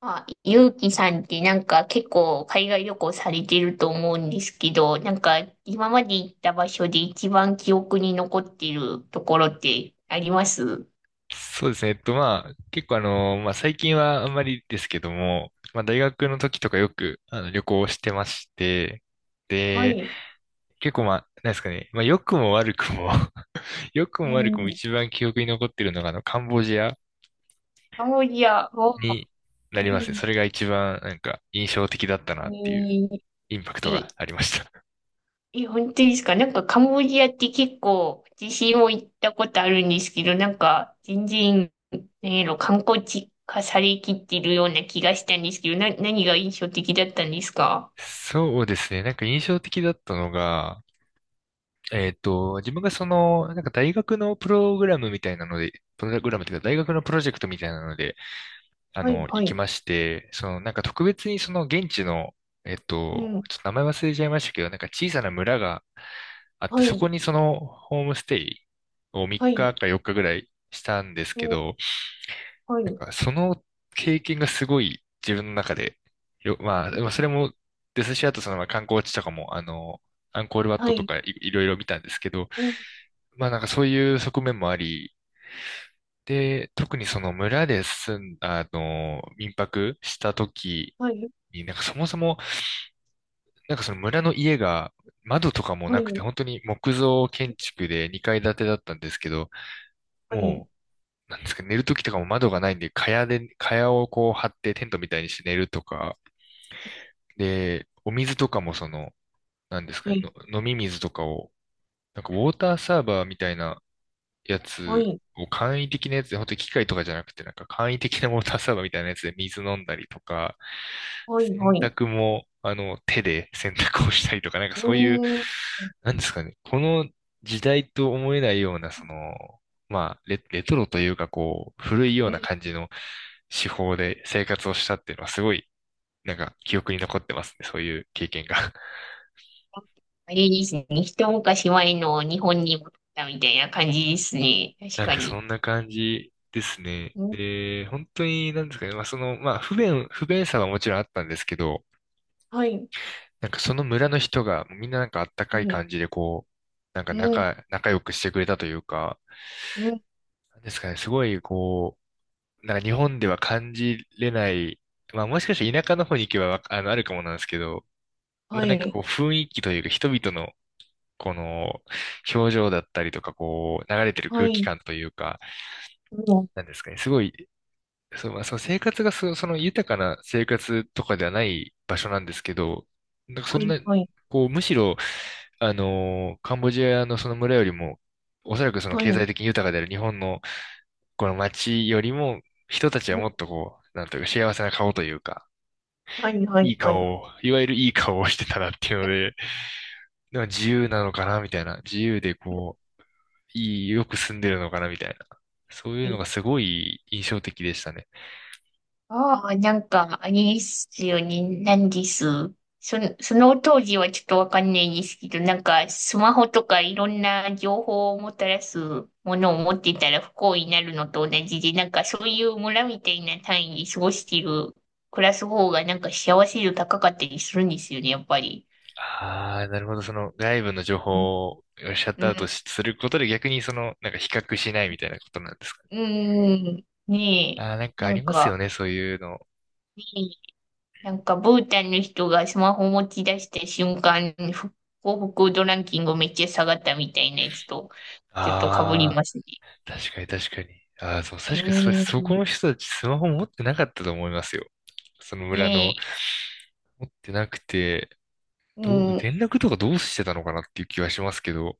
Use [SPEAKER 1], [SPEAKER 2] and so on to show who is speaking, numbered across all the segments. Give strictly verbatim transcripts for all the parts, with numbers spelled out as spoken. [SPEAKER 1] まあ、ゆうきさんってなんか結構海外旅行されてると思うんですけど、なんか今まで行った場所で一番記憶に残っているところってあります？
[SPEAKER 2] そうですね。えっと、まあ、結構あの、まあ、最近はあんまりですけども、まあ、大学の時とかよく、あの、旅行をしてまして、
[SPEAKER 1] は
[SPEAKER 2] で、
[SPEAKER 1] い。
[SPEAKER 2] 結構まあ、なんですかね、まあ、良くも悪くも 良く
[SPEAKER 1] う
[SPEAKER 2] も悪くも
[SPEAKER 1] ん。
[SPEAKER 2] 一番記憶に残ってるのが、あの、カンボジア
[SPEAKER 1] カンボジアは、
[SPEAKER 2] にな
[SPEAKER 1] う
[SPEAKER 2] りますね。
[SPEAKER 1] ん。
[SPEAKER 2] それが一番、なんか、印象的だったなっていう、インパクトが
[SPEAKER 1] え、
[SPEAKER 2] ありました。
[SPEAKER 1] え、本当ですか？なんかカンボジアって結構私も行ったことあるんですけど、なんか全然、何やろ、観光地化されきってるような気がしたんですけど、な、何が印象的だったんですか？
[SPEAKER 2] そうですね。なんか印象的だったのが、えっと、自分がその、なんか大学のプログラムみたいなので、プログラムというか大学のプロジェクトみたいなので、あ
[SPEAKER 1] は
[SPEAKER 2] の、
[SPEAKER 1] い、は
[SPEAKER 2] 行き
[SPEAKER 1] い。
[SPEAKER 2] まして、その、なんか特別にその現地の、えっ
[SPEAKER 1] う
[SPEAKER 2] と、
[SPEAKER 1] ん。
[SPEAKER 2] ちょっと名前忘れちゃいましたけど、なんか小さな村があって、
[SPEAKER 1] は
[SPEAKER 2] そこ
[SPEAKER 1] い、
[SPEAKER 2] にそのホームステイを3
[SPEAKER 1] は
[SPEAKER 2] 日
[SPEAKER 1] い。
[SPEAKER 2] かよっかぐらいしたんです
[SPEAKER 1] う
[SPEAKER 2] け
[SPEAKER 1] ん。
[SPEAKER 2] ど、
[SPEAKER 1] は
[SPEAKER 2] なん
[SPEAKER 1] い、
[SPEAKER 2] かその経験がすごい自分の中で、よ、まあ、まあそれもですし、あとそのまあ観光地とかも、あの、アンコールワッ
[SPEAKER 1] は
[SPEAKER 2] トと
[SPEAKER 1] い。
[SPEAKER 2] かいいろいろ見たんですけど、
[SPEAKER 1] うん。
[SPEAKER 2] まあなんかそういう側面もあり、で、特にその村で住ん、あの、民泊した時
[SPEAKER 1] はい、
[SPEAKER 2] に、なんかそもそも、なんかその村の家が窓とかも
[SPEAKER 1] は
[SPEAKER 2] なくて、
[SPEAKER 1] い、
[SPEAKER 2] 本当に木造建築でにかい建てだったんですけど、
[SPEAKER 1] はい、
[SPEAKER 2] もう、なんですか、寝る時とかも窓がないんで、蚊帳で、蚊帳をこう張ってテントみたいにして寝るとか、で、お水とかもその、なんです
[SPEAKER 1] は
[SPEAKER 2] かね、
[SPEAKER 1] い、
[SPEAKER 2] の飲み水とかを、なんかウォーターサーバーみたいな、や
[SPEAKER 1] は
[SPEAKER 2] つ
[SPEAKER 1] い、
[SPEAKER 2] を簡易的なやつで、本当に機械とかじゃなくて、なんか簡易的なウォーターサーバーみたいなやつで水飲んだりとか、
[SPEAKER 1] はい、は
[SPEAKER 2] 洗
[SPEAKER 1] い。
[SPEAKER 2] 濯も、あの、手で洗濯をしたりとか、なんか
[SPEAKER 1] う
[SPEAKER 2] そういう、
[SPEAKER 1] ーん、う
[SPEAKER 2] なんですかね、この時代と思えないような、その、まあ、レ、レトロというか、こう、古いような感
[SPEAKER 1] ん。
[SPEAKER 2] じの手法で生活をしたっていうのは、すごい、なんか記憶に残ってますね、そういう経験が。
[SPEAKER 1] あれですね、一昔前の日本に戻ったみたいな感じですね、確
[SPEAKER 2] なん
[SPEAKER 1] か
[SPEAKER 2] かそ
[SPEAKER 1] に。
[SPEAKER 2] んな感じですね。
[SPEAKER 1] うん、
[SPEAKER 2] で、本当に、なんですかね、まあその、まあ不便、不便さはもちろんあったんですけど、
[SPEAKER 1] はい、
[SPEAKER 2] なんかその村の人が、みんななんかあった
[SPEAKER 1] う
[SPEAKER 2] かい
[SPEAKER 1] ん、
[SPEAKER 2] 感じで、こう、なんか
[SPEAKER 1] うん、
[SPEAKER 2] 仲、仲良くしてくれたというか、
[SPEAKER 1] うん、
[SPEAKER 2] なんですかね、すごい、こう、なんか日本では感じれない、まあもしかして田舎の方に行けばわ、あの、あるかもなんですけど、まあ
[SPEAKER 1] は
[SPEAKER 2] なんかこ
[SPEAKER 1] い、
[SPEAKER 2] う雰囲気というか、人々の、この、表情だったりとか、こう、流れてる
[SPEAKER 1] は
[SPEAKER 2] 空気
[SPEAKER 1] い、
[SPEAKER 2] 感というか、
[SPEAKER 1] うん、
[SPEAKER 2] なんですかね、すごいそう、まあ、その生活がそ、その豊かな生活とかではない場所なんですけど、なんかそ
[SPEAKER 1] は
[SPEAKER 2] ん
[SPEAKER 1] い、
[SPEAKER 2] な、
[SPEAKER 1] はい、
[SPEAKER 2] こう、むしろ、あのーカンボジアのその村よりも、おそらくその
[SPEAKER 1] は
[SPEAKER 2] 経
[SPEAKER 1] い、
[SPEAKER 2] 済的に豊かである日本のこの街よりも、人たちは
[SPEAKER 1] う
[SPEAKER 2] も
[SPEAKER 1] ん、
[SPEAKER 2] っとこう、なんというか幸せな顔というか、
[SPEAKER 1] はい、は
[SPEAKER 2] い
[SPEAKER 1] い、
[SPEAKER 2] い
[SPEAKER 1] はい。
[SPEAKER 2] 顔を、いわゆるいい顔をしてたなっていうので、なんか自由なのかなみたいな、自由でこう、いい、よく住んでるのかなみたいな、そういうのがすごい印象的でしたね。
[SPEAKER 1] ああ、なんか、あれですよね。なんです。その、その当時はちょっとわかんないですけど、なんか、スマホとかいろんな情報をもたらすものを持ってたら不幸になるのと同じで、なんかそういう村みたいな単位で過ごしている、暮らす方がなんか幸せ度高かったりするんですよね、やっぱり。
[SPEAKER 2] ああ、なるほど。その外部の情
[SPEAKER 1] うん、
[SPEAKER 2] 報をシャット
[SPEAKER 1] う
[SPEAKER 2] アウト
[SPEAKER 1] ん、
[SPEAKER 2] しすることで逆にその、なんか比較しないみたいなことなんですかね。
[SPEAKER 1] うん、ね
[SPEAKER 2] ああ、なん
[SPEAKER 1] え、
[SPEAKER 2] か
[SPEAKER 1] な
[SPEAKER 2] あり
[SPEAKER 1] ん
[SPEAKER 2] ます
[SPEAKER 1] か、
[SPEAKER 2] よね、そういうの。
[SPEAKER 1] ねえ。なんか、ブータンの人がスマホ持ち出した瞬間、ふ幸福度ランキングめっちゃ下がったみたいなやつと、ちょっと被り
[SPEAKER 2] あ
[SPEAKER 1] ますね。
[SPEAKER 2] あ、確かに確かに。ああ、そう、
[SPEAKER 1] う
[SPEAKER 2] 確かにそれ、
[SPEAKER 1] ー
[SPEAKER 2] そこ
[SPEAKER 1] ん。
[SPEAKER 2] の人たちスマホ持ってなかったと思いますよ。その
[SPEAKER 1] ね
[SPEAKER 2] 村の。
[SPEAKER 1] え、
[SPEAKER 2] 持ってなくて、
[SPEAKER 1] う
[SPEAKER 2] どう、
[SPEAKER 1] ん。
[SPEAKER 2] 連絡とかどうしてたのかなっていう気はしますけど。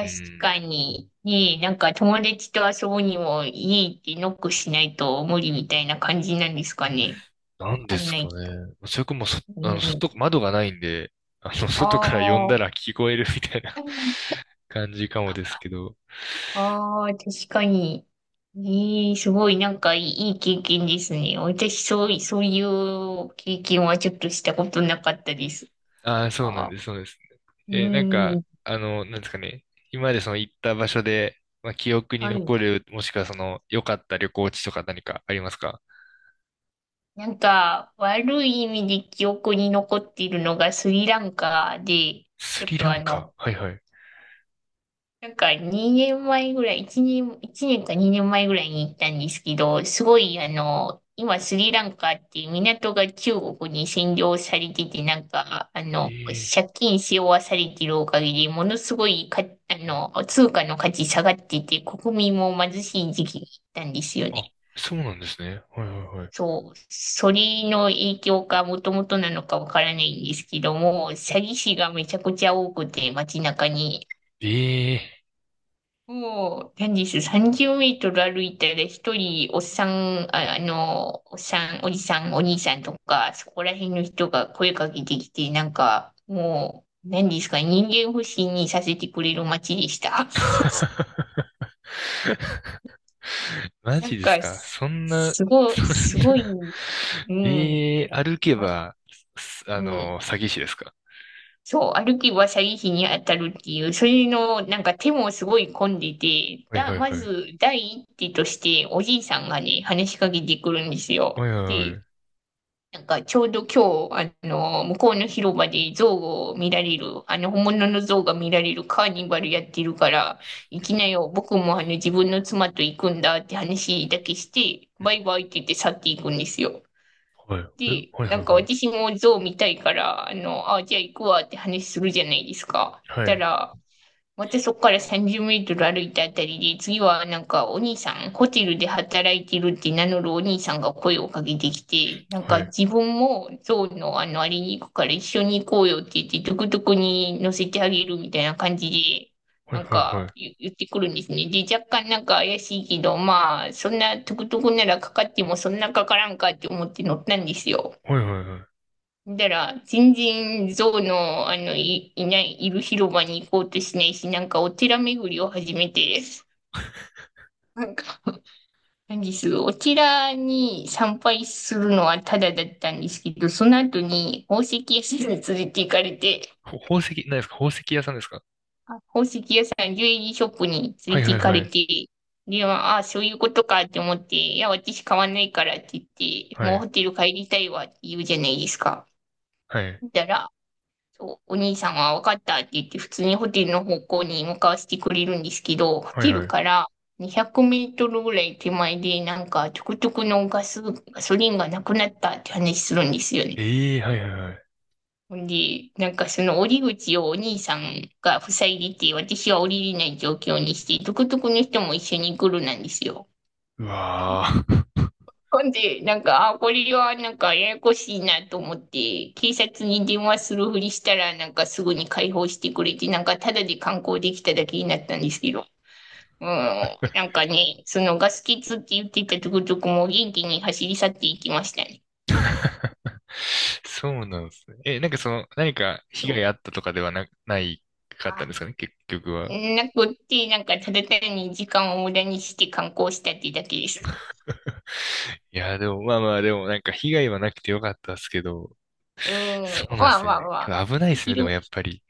[SPEAKER 2] うん。
[SPEAKER 1] かに、ねえ、なんか友達と遊ぶにも家行ってノックしないと無理みたいな感じなんですかね。
[SPEAKER 2] なん
[SPEAKER 1] わか
[SPEAKER 2] で
[SPEAKER 1] ん
[SPEAKER 2] す
[SPEAKER 1] ない
[SPEAKER 2] か
[SPEAKER 1] けど。
[SPEAKER 2] ね。それかもうそ、あの、
[SPEAKER 1] ねえ。
[SPEAKER 2] 外、窓がないんで、あの、
[SPEAKER 1] あ
[SPEAKER 2] 外から呼んだら
[SPEAKER 1] あ。
[SPEAKER 2] 聞こえるみたいな 感じかもですけど。
[SPEAKER 1] ああ、確かに。ええ、すごい、なんかいい、いい経験ですね。私、そうい、そういう経験はちょっとしたことなかったです。
[SPEAKER 2] ああ、そうな
[SPEAKER 1] あ
[SPEAKER 2] ん
[SPEAKER 1] ー、
[SPEAKER 2] です、そうです。えーなん
[SPEAKER 1] う
[SPEAKER 2] か、
[SPEAKER 1] ん、
[SPEAKER 2] あの、なんですかね。今までその行った場所で、まあ、記憶に
[SPEAKER 1] はい。
[SPEAKER 2] 残る、もしくはその、良かった旅行地とか何かありますか？
[SPEAKER 1] なんか、悪い意味で記憶に残っているのがスリランカで、ち
[SPEAKER 2] ス
[SPEAKER 1] ょっ
[SPEAKER 2] リラ
[SPEAKER 1] と
[SPEAKER 2] ン
[SPEAKER 1] あ
[SPEAKER 2] カ。
[SPEAKER 1] の、
[SPEAKER 2] はいはい。
[SPEAKER 1] なんかにねんまえぐらい、いちねん、一年かにねんまえぐらいに行ったんですけど、すごいあの、今スリランカっていう港が中国に占領されてて、なんか、あ
[SPEAKER 2] え
[SPEAKER 1] の、
[SPEAKER 2] え
[SPEAKER 1] 借金し負わされてるおかげで、ものすごいか、あの、通貨の価値下がってて、国民も貧しい時期に行ったんですよね。
[SPEAKER 2] あ、そうなんですね。はいはいはい。
[SPEAKER 1] そう、それの影響かもともとなのかわからないんですけども、詐欺師がめちゃくちゃ多くて、街中に。
[SPEAKER 2] ええ
[SPEAKER 1] もう、何です、さんじゅうメートル歩いたら一人、おっさん、あ、あの、おっさん、おじさん、お兄さんとか、そこら辺の人が声かけてきて、なんか、もう、何ですか、人間不信にさせてくれる街でした。
[SPEAKER 2] マ
[SPEAKER 1] なん
[SPEAKER 2] ジです
[SPEAKER 1] か、
[SPEAKER 2] か
[SPEAKER 1] す、
[SPEAKER 2] そんな、
[SPEAKER 1] すご
[SPEAKER 2] そ
[SPEAKER 1] い、
[SPEAKER 2] んな
[SPEAKER 1] すごい、う
[SPEAKER 2] え
[SPEAKER 1] ん、
[SPEAKER 2] えー歩け
[SPEAKER 1] ま、
[SPEAKER 2] ば、すあ
[SPEAKER 1] うん、
[SPEAKER 2] の、詐欺師ですか？
[SPEAKER 1] そう、歩けば詐欺師に当たるっていう、それの、なんか手もすごい混んでて、
[SPEAKER 2] はい
[SPEAKER 1] だ、
[SPEAKER 2] はいは
[SPEAKER 1] ま
[SPEAKER 2] い。
[SPEAKER 1] ず、第一手として、おじいさんがね、話しかけてくるんです
[SPEAKER 2] は
[SPEAKER 1] よ。
[SPEAKER 2] いはいは
[SPEAKER 1] で、
[SPEAKER 2] い。
[SPEAKER 1] なんかちょうど今日、あの、向こうの広場で象を見られる、あの、本物の象が見られるカーニバルやってるから、行きなよ、僕もあの、自分の妻と行くんだって話だけして、
[SPEAKER 2] うん
[SPEAKER 1] バイバイって言って去っていくんですよ。
[SPEAKER 2] はい。え
[SPEAKER 1] で、
[SPEAKER 2] はい
[SPEAKER 1] な
[SPEAKER 2] はい
[SPEAKER 1] んか
[SPEAKER 2] はい。
[SPEAKER 1] 私も象見たいから、あの、あ、じゃあ行くわって話するじゃないですか。
[SPEAKER 2] は
[SPEAKER 1] た
[SPEAKER 2] い。
[SPEAKER 1] ら、私そこからさんじゅうメートル歩いたあたりで、次はなんかお兄さん、ホテルで働いてるって名乗るお兄さんが声をかけてきて、なん
[SPEAKER 2] は
[SPEAKER 1] か
[SPEAKER 2] い
[SPEAKER 1] 自分もゾウのあのあれに行くから一緒に行こうよって言って、トゥクトゥクに乗せてあげるみたいな感じで、
[SPEAKER 2] はい
[SPEAKER 1] なん
[SPEAKER 2] は
[SPEAKER 1] か
[SPEAKER 2] い。
[SPEAKER 1] 言言ってくるんですね。で、若干なんか怪しいけど、まあ、そんなトゥクトゥクならかかってもそんなかからんかって思って乗ったんですよ。
[SPEAKER 2] はいはいはい。
[SPEAKER 1] だから、全然象の、あの、い、いない、いる広場に行こうとしないし、なんかお寺巡りを始めて、なんか、何です、お寺に参拝するのはタダだったんですけど、その後に宝石屋さんに連れて行かれて、
[SPEAKER 2] ほ宝石、何ですか宝石屋さんですか？
[SPEAKER 1] あ宝石屋さん、ジュエリーショップに
[SPEAKER 2] は
[SPEAKER 1] 連
[SPEAKER 2] い
[SPEAKER 1] れて
[SPEAKER 2] は
[SPEAKER 1] 行
[SPEAKER 2] い
[SPEAKER 1] か
[SPEAKER 2] は
[SPEAKER 1] れ
[SPEAKER 2] い。
[SPEAKER 1] て、で、まああ、そういうことかって思って、いや、私買わないからって言って、
[SPEAKER 2] は
[SPEAKER 1] もう
[SPEAKER 2] い。
[SPEAKER 1] ホテル帰りたいわって言うじゃないですか。
[SPEAKER 2] はい。
[SPEAKER 1] だから、そう、お兄さんは分かったって言って、普通にホテルの方向に向かわせてくれるんですけど、ホ
[SPEAKER 2] はい
[SPEAKER 1] テ
[SPEAKER 2] は
[SPEAKER 1] ル
[SPEAKER 2] い。
[SPEAKER 1] からにひゃくメートルぐらい手前で、なんか、トゥクトゥクのガス、ガソリンがなくなったって話するんですよね。
[SPEAKER 2] ええーはいはいはい。
[SPEAKER 1] ほんで、なんかその折り口をお兄さんが塞いでて、私は降りれない状況にして、トゥクトゥクの人も一緒に来るなんですよ。
[SPEAKER 2] うわー
[SPEAKER 1] ほんで、なんか、あ、これはなんかややこしいなと思って、警察に電話するふりしたら、なんかすぐに解放してくれて、なんかただで観光できただけになったんですけど、うん、なんかね、そのガス欠って言ってたとことこも元気に走り去っていきましたね。
[SPEAKER 2] そうなんですね。え、なんかその、何か被
[SPEAKER 1] そ
[SPEAKER 2] 害
[SPEAKER 1] う。
[SPEAKER 2] あったとかではな、ないかったんで
[SPEAKER 1] あ、
[SPEAKER 2] すかね結局は。
[SPEAKER 1] なくって、なんかただ単に時間を無駄にして観光したってだけです。
[SPEAKER 2] いや、でも、まあまあ、でも、なんか被害はなくてよかったですけど、
[SPEAKER 1] う
[SPEAKER 2] そ
[SPEAKER 1] ん、
[SPEAKER 2] うなんで
[SPEAKER 1] まあ
[SPEAKER 2] すよ
[SPEAKER 1] まあ
[SPEAKER 2] ね。
[SPEAKER 1] まあ、
[SPEAKER 2] 危ないですね、でも
[SPEAKER 1] 広、
[SPEAKER 2] やっぱり。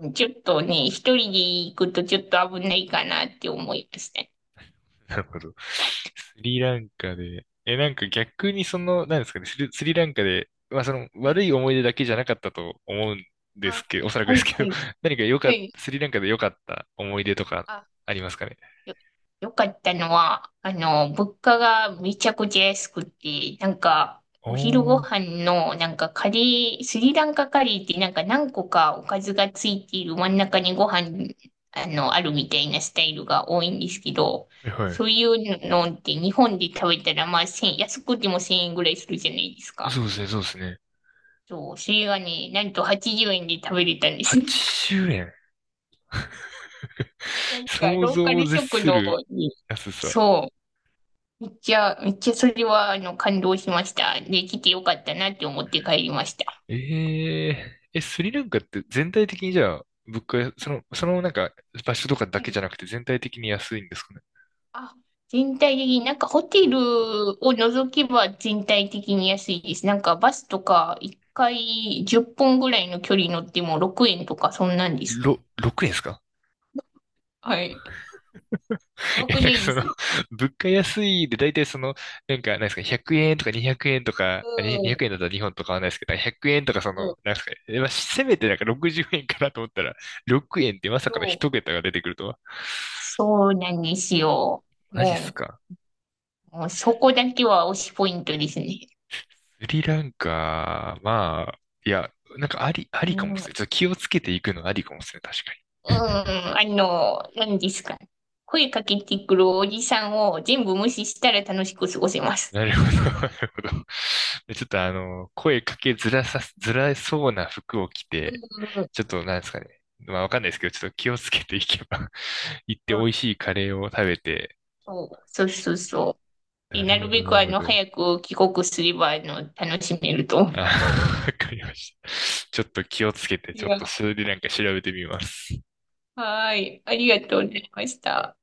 [SPEAKER 1] うん、ちょっとね、一人で行くとちょっと危ないかなって思いました。
[SPEAKER 2] なるほど。スリランカで、え、なんか逆にその、なんですかね、スリ、スリランカで、まあその
[SPEAKER 1] は
[SPEAKER 2] 悪
[SPEAKER 1] い。
[SPEAKER 2] い思い出だけじゃなかったと思うんで
[SPEAKER 1] あ、
[SPEAKER 2] すけど、おそらく
[SPEAKER 1] は
[SPEAKER 2] です
[SPEAKER 1] い、
[SPEAKER 2] け
[SPEAKER 1] は
[SPEAKER 2] ど、
[SPEAKER 1] い。
[SPEAKER 2] 何か良か
[SPEAKER 1] は
[SPEAKER 2] った、
[SPEAKER 1] い。
[SPEAKER 2] スリランカで良かった思い出とか
[SPEAKER 1] あ、
[SPEAKER 2] ありますかね？
[SPEAKER 1] よ、よかったのは、あの、物価がめちゃくちゃ安くて、なんか、お昼ご
[SPEAKER 2] おー、
[SPEAKER 1] 飯の、なんかカレー、スリランカカレーってなんか何個かおかずがついている真ん中にご飯、あの、あるみたいなスタイルが多いんですけど、
[SPEAKER 2] はい
[SPEAKER 1] そ
[SPEAKER 2] は
[SPEAKER 1] ういうのって日本で食べたら、まあ、いち ぜろ安くてもせんえんぐらいするじゃないです
[SPEAKER 2] い。
[SPEAKER 1] か。
[SPEAKER 2] そうですね、そうですね。
[SPEAKER 1] そう、それがね、なんとはちじゅうえんで食べれたんです。
[SPEAKER 2] はちしゅうねん
[SPEAKER 1] な んか、
[SPEAKER 2] 想
[SPEAKER 1] ローカ
[SPEAKER 2] 像を
[SPEAKER 1] ル
[SPEAKER 2] 絶
[SPEAKER 1] 食
[SPEAKER 2] す
[SPEAKER 1] 堂
[SPEAKER 2] る
[SPEAKER 1] に、
[SPEAKER 2] 安さ。
[SPEAKER 1] そう、めっちゃ、めっちゃそれは、あの、感動しました。で来てよかったなって思って帰りました。
[SPEAKER 2] えええ、スリランカって全体的にじゃあ、物価、その、そのなんか場所とかだ
[SPEAKER 1] は
[SPEAKER 2] け
[SPEAKER 1] い。
[SPEAKER 2] じゃなくて全体的に安いんですかね。
[SPEAKER 1] あ、全体的に、なんかホテルを除けば全体的に安いです。なんかバスとか、一回じゅっぷんぐらいの距離乗ってもろくえんとか、そんなんです。
[SPEAKER 2] ろ、ろくえんですか？
[SPEAKER 1] はい。や ば
[SPEAKER 2] え、
[SPEAKER 1] く
[SPEAKER 2] な
[SPEAKER 1] な
[SPEAKER 2] んか
[SPEAKER 1] いで
[SPEAKER 2] その、
[SPEAKER 1] す。
[SPEAKER 2] 物価安いで大体その、なんか、なんですか、ひゃくえんとかにひゃくえんとか、
[SPEAKER 1] う
[SPEAKER 2] あ、に200
[SPEAKER 1] ん、
[SPEAKER 2] 円だったら日本と変わらないですけど、ひゃくえんとかそ
[SPEAKER 1] うん、
[SPEAKER 2] の、なんですかね、えまあ、せめてなんかろくじゅうえんかなと思ったら、ろくえんってまさ
[SPEAKER 1] そ
[SPEAKER 2] かの一
[SPEAKER 1] う。
[SPEAKER 2] 桁が出てくるとは。
[SPEAKER 1] そうなんですよ。
[SPEAKER 2] マジっす
[SPEAKER 1] も
[SPEAKER 2] か。
[SPEAKER 1] う、もうそこだけは推しポイントですね。
[SPEAKER 2] スリランカ、まあ、いや、なんかあり、あ
[SPEAKER 1] う
[SPEAKER 2] りかもっ
[SPEAKER 1] ん、
[SPEAKER 2] すね。ちょっと気をつけていくのありかもっすね。確かに。
[SPEAKER 1] うん、あの、何ですか。声かけてくるおじさんを全部無視したら楽しく過ごせます。
[SPEAKER 2] なるほど、なるほど。でちょっとあの、声かけづらさ、づらそうな服を着
[SPEAKER 1] うん、
[SPEAKER 2] て、
[SPEAKER 1] うん、
[SPEAKER 2] ちょっとなんですかね。まあわかんないですけど、ちょっと気をつけていけば 行って美味しいカレーを食べて。
[SPEAKER 1] そうそうそうそう。で、
[SPEAKER 2] なる
[SPEAKER 1] な
[SPEAKER 2] ほ
[SPEAKER 1] る
[SPEAKER 2] ど、
[SPEAKER 1] べ
[SPEAKER 2] な
[SPEAKER 1] く
[SPEAKER 2] る
[SPEAKER 1] あ
[SPEAKER 2] ほ
[SPEAKER 1] の、
[SPEAKER 2] ど。
[SPEAKER 1] 早く帰国すれば、あの、楽しめると思
[SPEAKER 2] あ、
[SPEAKER 1] う。
[SPEAKER 2] わかりました。ちょっと気をつけて、
[SPEAKER 1] い
[SPEAKER 2] ちょっ
[SPEAKER 1] や、
[SPEAKER 2] とそれでなんか調べてみます。
[SPEAKER 1] はい。ありがとうございました。